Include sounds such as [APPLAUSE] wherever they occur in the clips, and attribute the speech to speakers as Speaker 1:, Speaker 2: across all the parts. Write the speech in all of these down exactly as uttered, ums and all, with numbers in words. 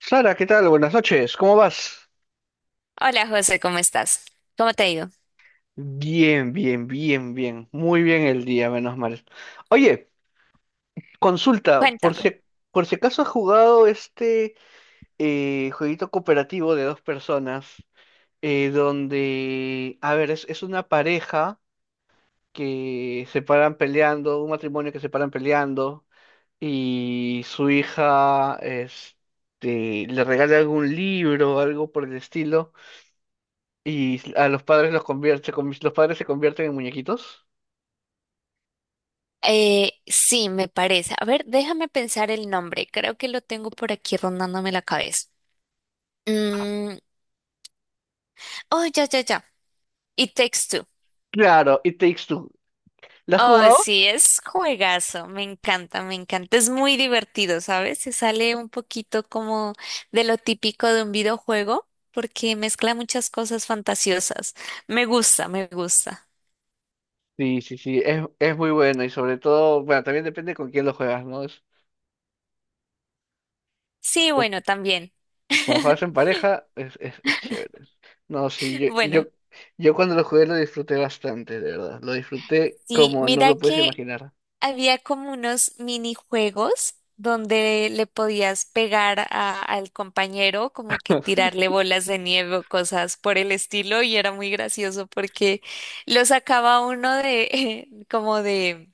Speaker 1: Sara, ¿qué tal? Buenas noches, ¿cómo vas?
Speaker 2: Hola José, ¿cómo estás? ¿Cómo te ha ido?
Speaker 1: Bien, bien, bien, bien. Muy bien el día, menos mal. Oye, consulta, por si,
Speaker 2: Cuéntame.
Speaker 1: por si acaso has jugado este eh, jueguito cooperativo de dos personas, eh, donde, a ver, es, es una pareja que se paran peleando, un matrimonio que se paran peleando, y su hija este, le regala algún libro, algo por el estilo. Y a los padres los convierte, con- los padres se convierten en muñequitos.
Speaker 2: Eh, sí, me parece. A ver, déjame pensar el nombre. Creo que lo tengo por aquí rondándome la cabeza. Mm, oh, ya, ya, ya. It Takes Two.
Speaker 1: Claro, It Takes Two. ¿La has
Speaker 2: Oh,
Speaker 1: jugado?
Speaker 2: sí, es juegazo. Me encanta, me encanta. Es muy divertido, ¿sabes? Se sale un poquito como de lo típico de un videojuego porque mezcla muchas cosas fantasiosas. Me gusta, me gusta.
Speaker 1: Sí, sí, sí, es, es muy bueno y sobre todo, bueno, también depende con quién lo juegas, ¿no? Es,
Speaker 2: Sí,
Speaker 1: como,
Speaker 2: bueno, también.
Speaker 1: como juegas en
Speaker 2: [LAUGHS]
Speaker 1: pareja, es, es, es chévere. No, sí, yo,
Speaker 2: Bueno,
Speaker 1: yo, yo cuando lo jugué lo disfruté bastante, de verdad. Lo disfruté
Speaker 2: sí,
Speaker 1: como no
Speaker 2: mira
Speaker 1: lo puedes
Speaker 2: que
Speaker 1: imaginar.
Speaker 2: había como unos minijuegos donde le podías pegar a- al compañero, como que tirarle bolas de nieve o cosas por el estilo, y era muy gracioso porque lo sacaba uno de [LAUGHS] como de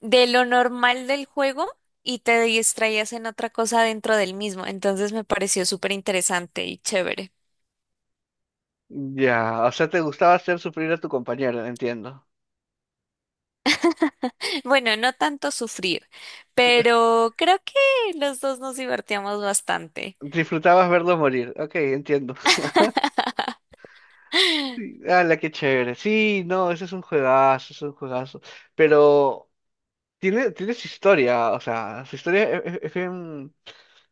Speaker 2: de lo normal del juego y te distraías en otra cosa dentro del mismo. Entonces me pareció súper interesante y chévere. [LAUGHS]
Speaker 1: Ya, o sea, te gustaba hacer sufrir a tu compañero, entiendo.
Speaker 2: Bueno, no tanto sufrir, pero creo que los dos nos divertíamos bastante.
Speaker 1: Disfrutabas verlo morir, ok, entiendo. Sí, ala, qué chévere. Sí, no, ese es un juegazo, es un juegazo. Pero tiene, tiene su historia, o sea, su historia e- e- es, bien,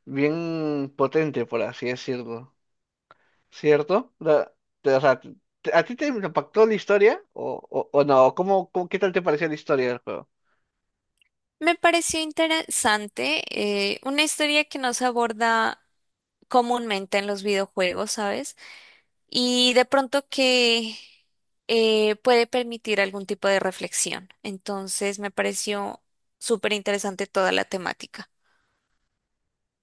Speaker 1: bien potente, por así decirlo. ¿Cierto? La- te- o sea, te- ¿a ti te impactó la historia o, o, o no? ¿Cómo, cómo- qué tal te pareció la historia del juego?
Speaker 2: Me pareció interesante, eh, una historia que no se aborda comúnmente en los videojuegos, ¿sabes? Y de pronto que eh, puede permitir algún tipo de reflexión. Entonces me pareció súper interesante toda la temática.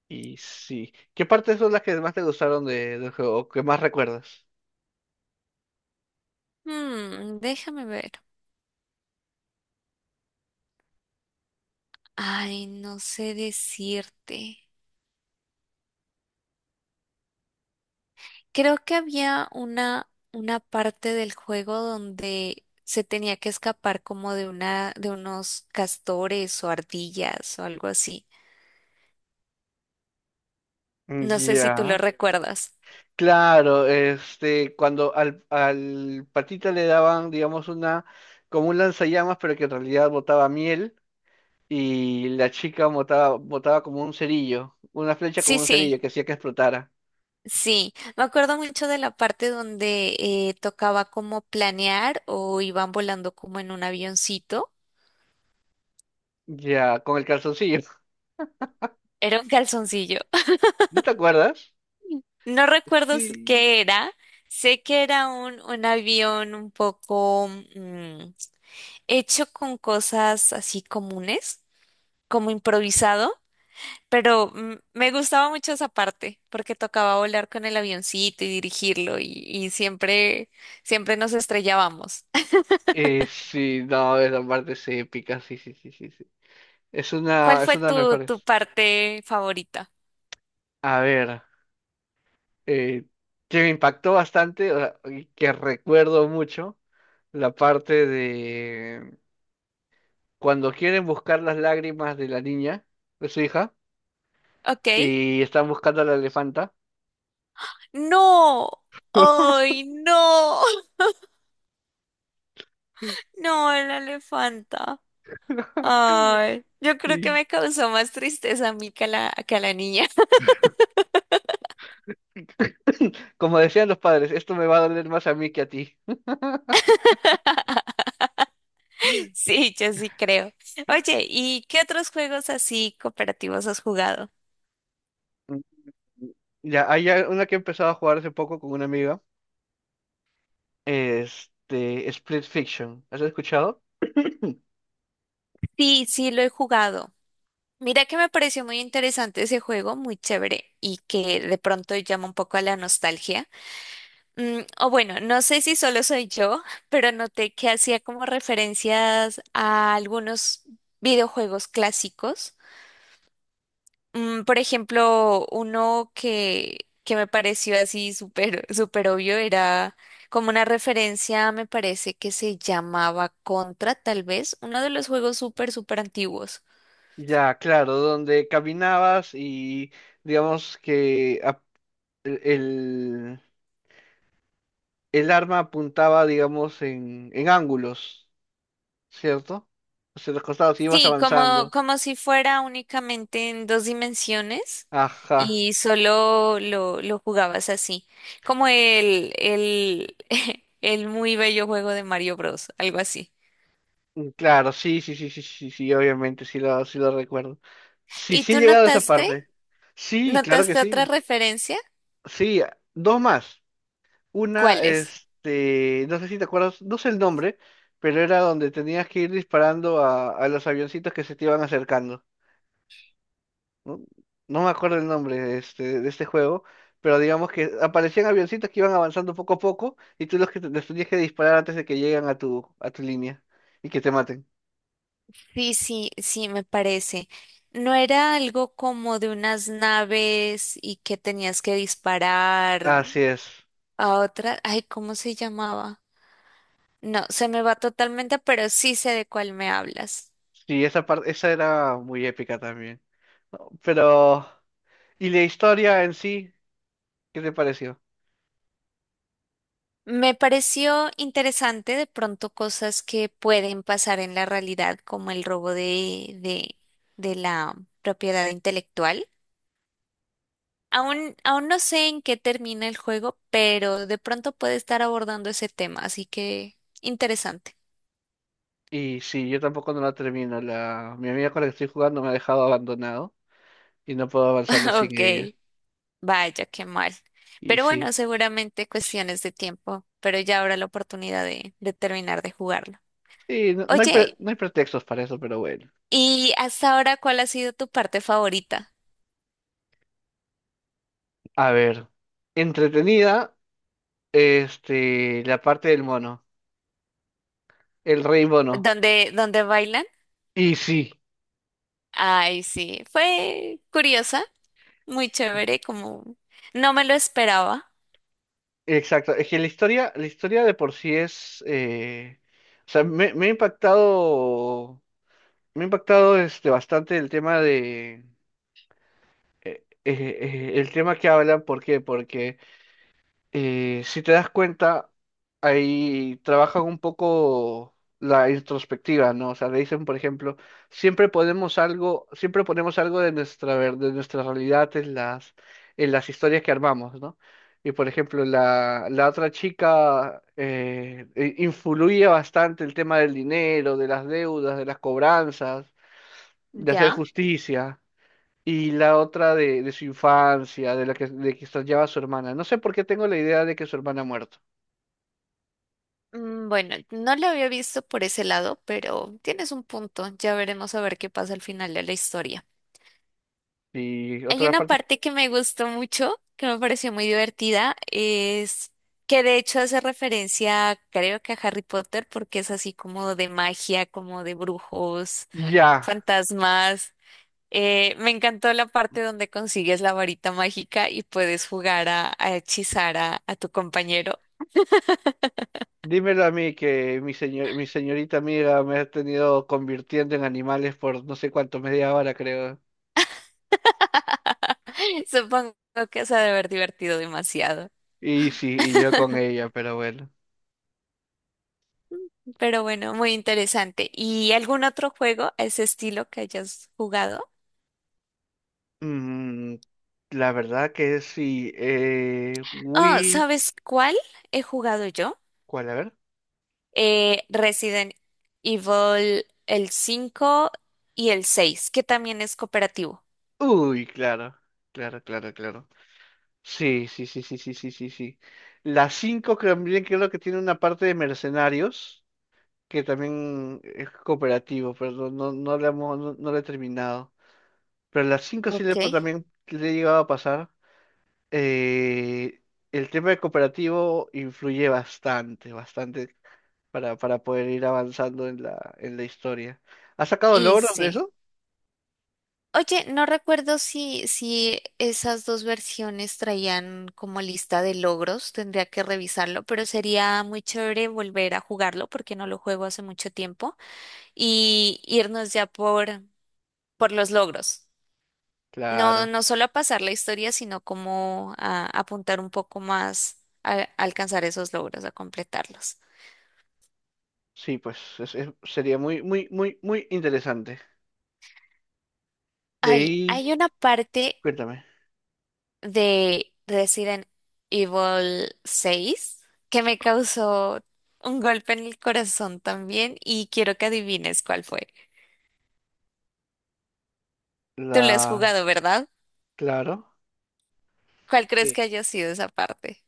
Speaker 1: Y sí, ¿qué partes son las que más te gustaron de- del juego o que más recuerdas?
Speaker 2: Hmm, déjame ver. Ay, no sé decirte. Creo que había una, una parte del juego donde se tenía que escapar como de una, de unos castores o ardillas o algo así. No sé si tú lo
Speaker 1: Ya.
Speaker 2: recuerdas.
Speaker 1: Claro, este, cuando al, al patita le daban, digamos, una, como un lanzallamas, pero que en realidad botaba miel, y la chica botaba, botaba como un cerillo, una flecha
Speaker 2: Sí,
Speaker 1: como un
Speaker 2: sí,
Speaker 1: cerillo que hacía que explotara.
Speaker 2: sí. Me acuerdo mucho de la parte donde eh, tocaba como planear o iban volando como en un avioncito.
Speaker 1: Ya, con el calzoncillo. [LAUGHS]
Speaker 2: Era un calzoncillo. [LAUGHS]
Speaker 1: ¿No te acuerdas?
Speaker 2: No recuerdo s-
Speaker 1: Sí.
Speaker 2: qué era. Sé que era un, un avión un poco... mm, hecho con cosas así comunes, como improvisado, pero mm, me gustaba mucho esa parte porque tocaba volar con el avioncito y dirigirlo y, y siempre, siempre nos estrellábamos.
Speaker 1: Eh, sí, no, esa parte es épica, sí, sí, sí, sí, sí. Es
Speaker 2: [LAUGHS] ¿Cuál
Speaker 1: una, es
Speaker 2: fue
Speaker 1: una de las
Speaker 2: tu, tu
Speaker 1: mejores.
Speaker 2: parte favorita?
Speaker 1: A ver, eh, que me impactó bastante, o sea, y que recuerdo mucho, la parte de cuando quieren buscar las lágrimas de la niña, de su hija,
Speaker 2: Ok.
Speaker 1: y están buscando a la elefanta.
Speaker 2: No.
Speaker 1: [LAUGHS]
Speaker 2: Ay, no. [LAUGHS] No, la elefanta. Ay, yo creo que
Speaker 1: Sí.
Speaker 2: me causó más tristeza a mí que a la, que a la niña.
Speaker 1: Como decían los padres, esto me va a doler más a mí que a ti.
Speaker 2: [LAUGHS] Sí, yo sí creo. Oye, ¿y qué otros juegos así cooperativos has jugado?
Speaker 1: Mm, ya, hay a- una que he empezado a jugar hace poco con una amiga, este, Split Fiction. ¿Has escuchado?
Speaker 2: Sí, sí, lo he jugado. Mira que me pareció muy interesante ese juego, muy chévere y que de pronto llama un poco a la nostalgia. Mm, o bueno, no sé si solo soy yo, [LAUGHS] pero noté que hacía como referencias a algunos videojuegos clásicos. Mm, por ejemplo, uno que, que me pareció así súper, súper obvio era como una referencia, me parece que se llamaba Contra, tal vez, uno de los juegos súper, súper antiguos.
Speaker 1: Ya, claro, donde caminabas y digamos que ap- el, el arma apuntaba, digamos, en, en ángulos. ¿Cierto? Hacia los costados y vas
Speaker 2: Sí, como,
Speaker 1: avanzando.
Speaker 2: como si fuera únicamente en dos dimensiones
Speaker 1: Ajá.
Speaker 2: y solo lo, lo jugabas así, como el, el, [LAUGHS] el muy bello juego de Mario Bros, algo así.
Speaker 1: Mm, claro, sí, sí, sí, sí, sí, sí, obviamente, sí lo, sí lo recuerdo. Sí,
Speaker 2: ¿Y
Speaker 1: sí he
Speaker 2: tú
Speaker 1: llegado a esa
Speaker 2: notaste,
Speaker 1: parte. Sí, claro que
Speaker 2: notaste otra
Speaker 1: sí.
Speaker 2: referencia?
Speaker 1: Sí, a- dos más. Una,
Speaker 2: Cuáles.
Speaker 1: este, no sé si te acuerdas, no sé el nombre, pero era donde tenías que ir disparando a, a los avioncitos que se te iban acercando. No, no me acuerdo el nombre este, de este juego, pero digamos que aparecían avioncitos que iban avanzando poco a poco y tú los que te- les tenías que disparar antes de que lleguen a tu, a tu línea y que te maten.
Speaker 2: Sí, sí, sí, me parece. ¿No era algo como de unas naves y que tenías que disparar
Speaker 1: Así es.
Speaker 2: a otra? Ay, ¿cómo se llamaba? No, se me va totalmente, pero sí sé de cuál me hablas.
Speaker 1: Sí, esa parte, esa era muy épica también. No, pero, ¿y la historia en sí? ¿Qué te pareció?
Speaker 2: Me pareció interesante de pronto cosas que pueden pasar en la realidad, como el robo de, de, de la propiedad intelectual. Aún, aún no sé en qué termina el juego, pero de pronto puede estar abordando ese tema, así que interesante.
Speaker 1: Y sí, yo tampoco no la termino. La, mi amiga con la que estoy jugando me ha dejado abandonado y no puedo
Speaker 2: [LAUGHS]
Speaker 1: avanzarlo sin
Speaker 2: Ok,
Speaker 1: ella.
Speaker 2: vaya, qué mal.
Speaker 1: Y
Speaker 2: Pero bueno,
Speaker 1: sí.
Speaker 2: seguramente cuestiones de tiempo, pero ya habrá la oportunidad de, de terminar de jugarlo.
Speaker 1: Sí, no, no hay pre-
Speaker 2: Oye,
Speaker 1: no hay pretextos para eso, pero bueno.
Speaker 2: ¿y hasta ahora cuál ha sido tu parte favorita?
Speaker 1: A ver, entretenida, este, la parte del mono, el rey mono.
Speaker 2: ¿Dónde, dónde bailan?
Speaker 1: Y sí,
Speaker 2: Ay, sí, fue curiosa, muy chévere, como no me lo esperaba.
Speaker 1: exacto. Es que la historia, la historia de por sí es, eh, o sea, me, me ha impactado, me ha impactado este bastante el tema de, eh, eh, eh, el tema que hablan. ¿Por qué? Porque eh, si te das cuenta, ahí trabajan un poco la introspectiva, ¿no? O sea, le dicen, por ejemplo, siempre ponemos algo, siempre ponemos algo de nuestra, ver- de nuestra realidad en las, en las historias que armamos, ¿no? Y por ejemplo, la, la otra chica eh, eh, influye bastante el tema del dinero, de las deudas, de las cobranzas, de hacer
Speaker 2: Ya.
Speaker 1: justicia. Y la otra de, de su infancia, de la que, de que extrañaba a su hermana. No sé por qué tengo la idea de que su hermana ha muerto.
Speaker 2: Mm, bueno, no lo había visto por ese lado, pero tienes un punto. Ya veremos a ver qué pasa al final de la historia.
Speaker 1: Y
Speaker 2: Hay
Speaker 1: otra
Speaker 2: una
Speaker 1: parte,
Speaker 2: parte que me gustó mucho, que me pareció muy divertida, es que de hecho hace referencia, creo que a Harry Potter, porque es así como de magia, como de brujos,
Speaker 1: [LAUGHS] ya,
Speaker 2: fantasmas. Eh, me encantó la parte donde consigues la varita mágica y puedes jugar a, a hechizar a, a tu compañero.
Speaker 1: dímelo a mí que mi señor, mi señorita amiga me ha tenido convirtiendo en animales por no sé cuánto, media hora creo.
Speaker 2: [LAUGHS] Supongo que se ha de haber divertido demasiado.
Speaker 1: Y sí, y yo con ella, pero bueno.
Speaker 2: Pero bueno, muy interesante. ¿Y algún otro juego a ese estilo que hayas jugado?
Speaker 1: Mm, la verdad que sí. Eh,
Speaker 2: Oh,
Speaker 1: we...
Speaker 2: ¿sabes cuál he jugado yo?
Speaker 1: ¿Cuál? A ver.
Speaker 2: Eh, Resident Evil el cinco y el seis que también es cooperativo.
Speaker 1: Uy, claro, claro, claro, claro. Sí, sí, sí, sí, sí, sí, sí, sí. La cinco también creo que tiene una parte de mercenarios, que también es cooperativo, pero no, no, no la hemos- no, no la he terminado. Pero la cinco sí le,
Speaker 2: Ok.
Speaker 1: pa- también le he llegado a pasar. Eh, el tema de cooperativo influye bastante, bastante para, para poder ir avanzando en la, en la historia. ¿Has sacado
Speaker 2: Y
Speaker 1: logros de
Speaker 2: sí.
Speaker 1: eso?
Speaker 2: Oye, no recuerdo si, si esas dos versiones traían como lista de logros, tendría que revisarlo, pero sería muy chévere volver a jugarlo porque no lo juego hace mucho tiempo y irnos ya por por los logros. No,
Speaker 1: Claro,
Speaker 2: no solo a pasar la historia, sino como a apuntar un poco más a, a alcanzar esos logros, a completarlos.
Speaker 1: sí, pues es- es- sería muy, muy, muy, muy interesante. De
Speaker 2: Hay,
Speaker 1: ahí,
Speaker 2: hay una parte
Speaker 1: cuéntame.
Speaker 2: de Resident Evil seis que me causó un golpe en el corazón también y quiero que adivines cuál fue. Tú lo has
Speaker 1: La
Speaker 2: jugado, ¿verdad?
Speaker 1: Claro.
Speaker 2: ¿Cuál crees
Speaker 1: Sí.
Speaker 2: que haya sido esa parte?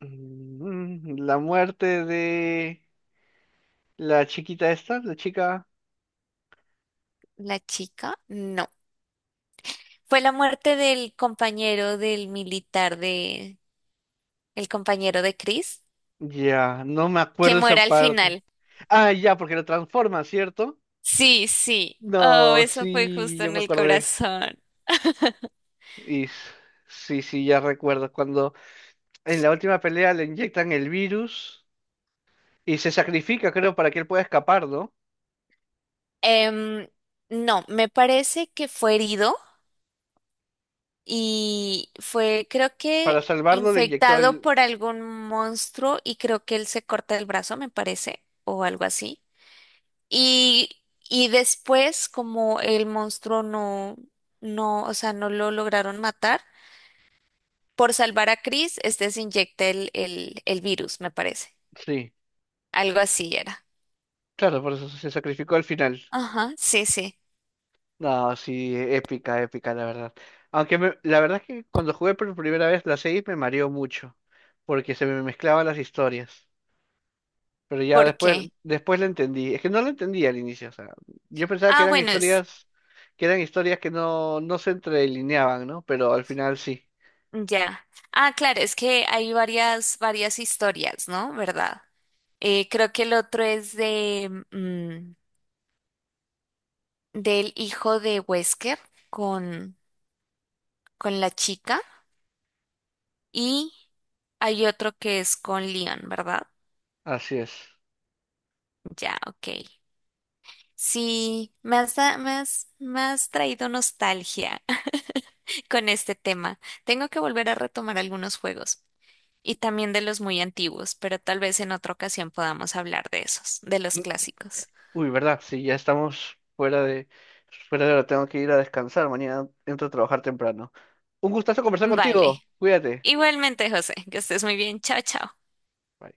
Speaker 1: Mm, la muerte de la chiquita esta, la chica.
Speaker 2: ¿La chica? No. Fue la muerte del compañero del militar de... El compañero de Chris.
Speaker 1: Ya, no me
Speaker 2: Que
Speaker 1: acuerdo esa
Speaker 2: muera al
Speaker 1: parte.
Speaker 2: final.
Speaker 1: Ah, ya, porque lo transforma, ¿cierto?
Speaker 2: Sí, sí. Oh,
Speaker 1: No,
Speaker 2: eso fue
Speaker 1: sí,
Speaker 2: justo
Speaker 1: yo
Speaker 2: en
Speaker 1: me
Speaker 2: el
Speaker 1: acordé.
Speaker 2: corazón.
Speaker 1: Y s- sí, sí, ya recuerdo. Cuando en la última pelea le inyectan el virus y se sacrifica, creo, para que él pueda escapar, ¿no?
Speaker 2: Em, no, me parece que fue herido y fue, creo
Speaker 1: Para
Speaker 2: que
Speaker 1: salvarlo le inyectó
Speaker 2: infectado
Speaker 1: el...
Speaker 2: por algún monstruo y creo que él se corta el brazo, me parece, o algo así. Y, y después, como el monstruo no, no, o sea, no lo lograron matar, por salvar a Chris, este se inyecta el, el, el virus, me parece.
Speaker 1: Sí,
Speaker 2: Algo así era.
Speaker 1: claro, por eso se sacrificó al final.
Speaker 2: Ajá, sí, sí.
Speaker 1: No, sí, épica, épica, la verdad. Aunque me- la verdad es que cuando jugué por primera vez la seis me mareó mucho, porque se me mezclaban las historias. Pero ya
Speaker 2: ¿Por
Speaker 1: después,
Speaker 2: qué?
Speaker 1: después la entendí. Es que no la entendí al inicio, o sea, yo pensaba que
Speaker 2: Ah,
Speaker 1: eran
Speaker 2: bueno, es
Speaker 1: historias, que eran historias que no, no se entrelineaban, ¿no? Pero al final sí,
Speaker 2: ya. Ah, claro, es que hay varias, varias historias, ¿no? ¿Verdad? Eh, creo que el otro es de mm, del hijo de Wesker con, con la chica y hay otro que es con Leon, ¿verdad?
Speaker 1: así es.
Speaker 2: Ya, ok. Sí, me has, da- me has, me has traído nostalgia [LAUGHS] con este tema. Tengo que volver a retomar algunos juegos. Y también de los muy antiguos, pero tal vez en otra ocasión podamos hablar de esos, de los
Speaker 1: Mm,
Speaker 2: clásicos.
Speaker 1: uy, ¿verdad? Sí, ya estamos fuera de, fuera de hora, tengo que ir a descansar, mañana entro a trabajar temprano. Un gustazo conversar contigo,
Speaker 2: Vale.
Speaker 1: cuídate.
Speaker 2: Igualmente, José, que estés muy bien. Chao, chao.
Speaker 1: Bye.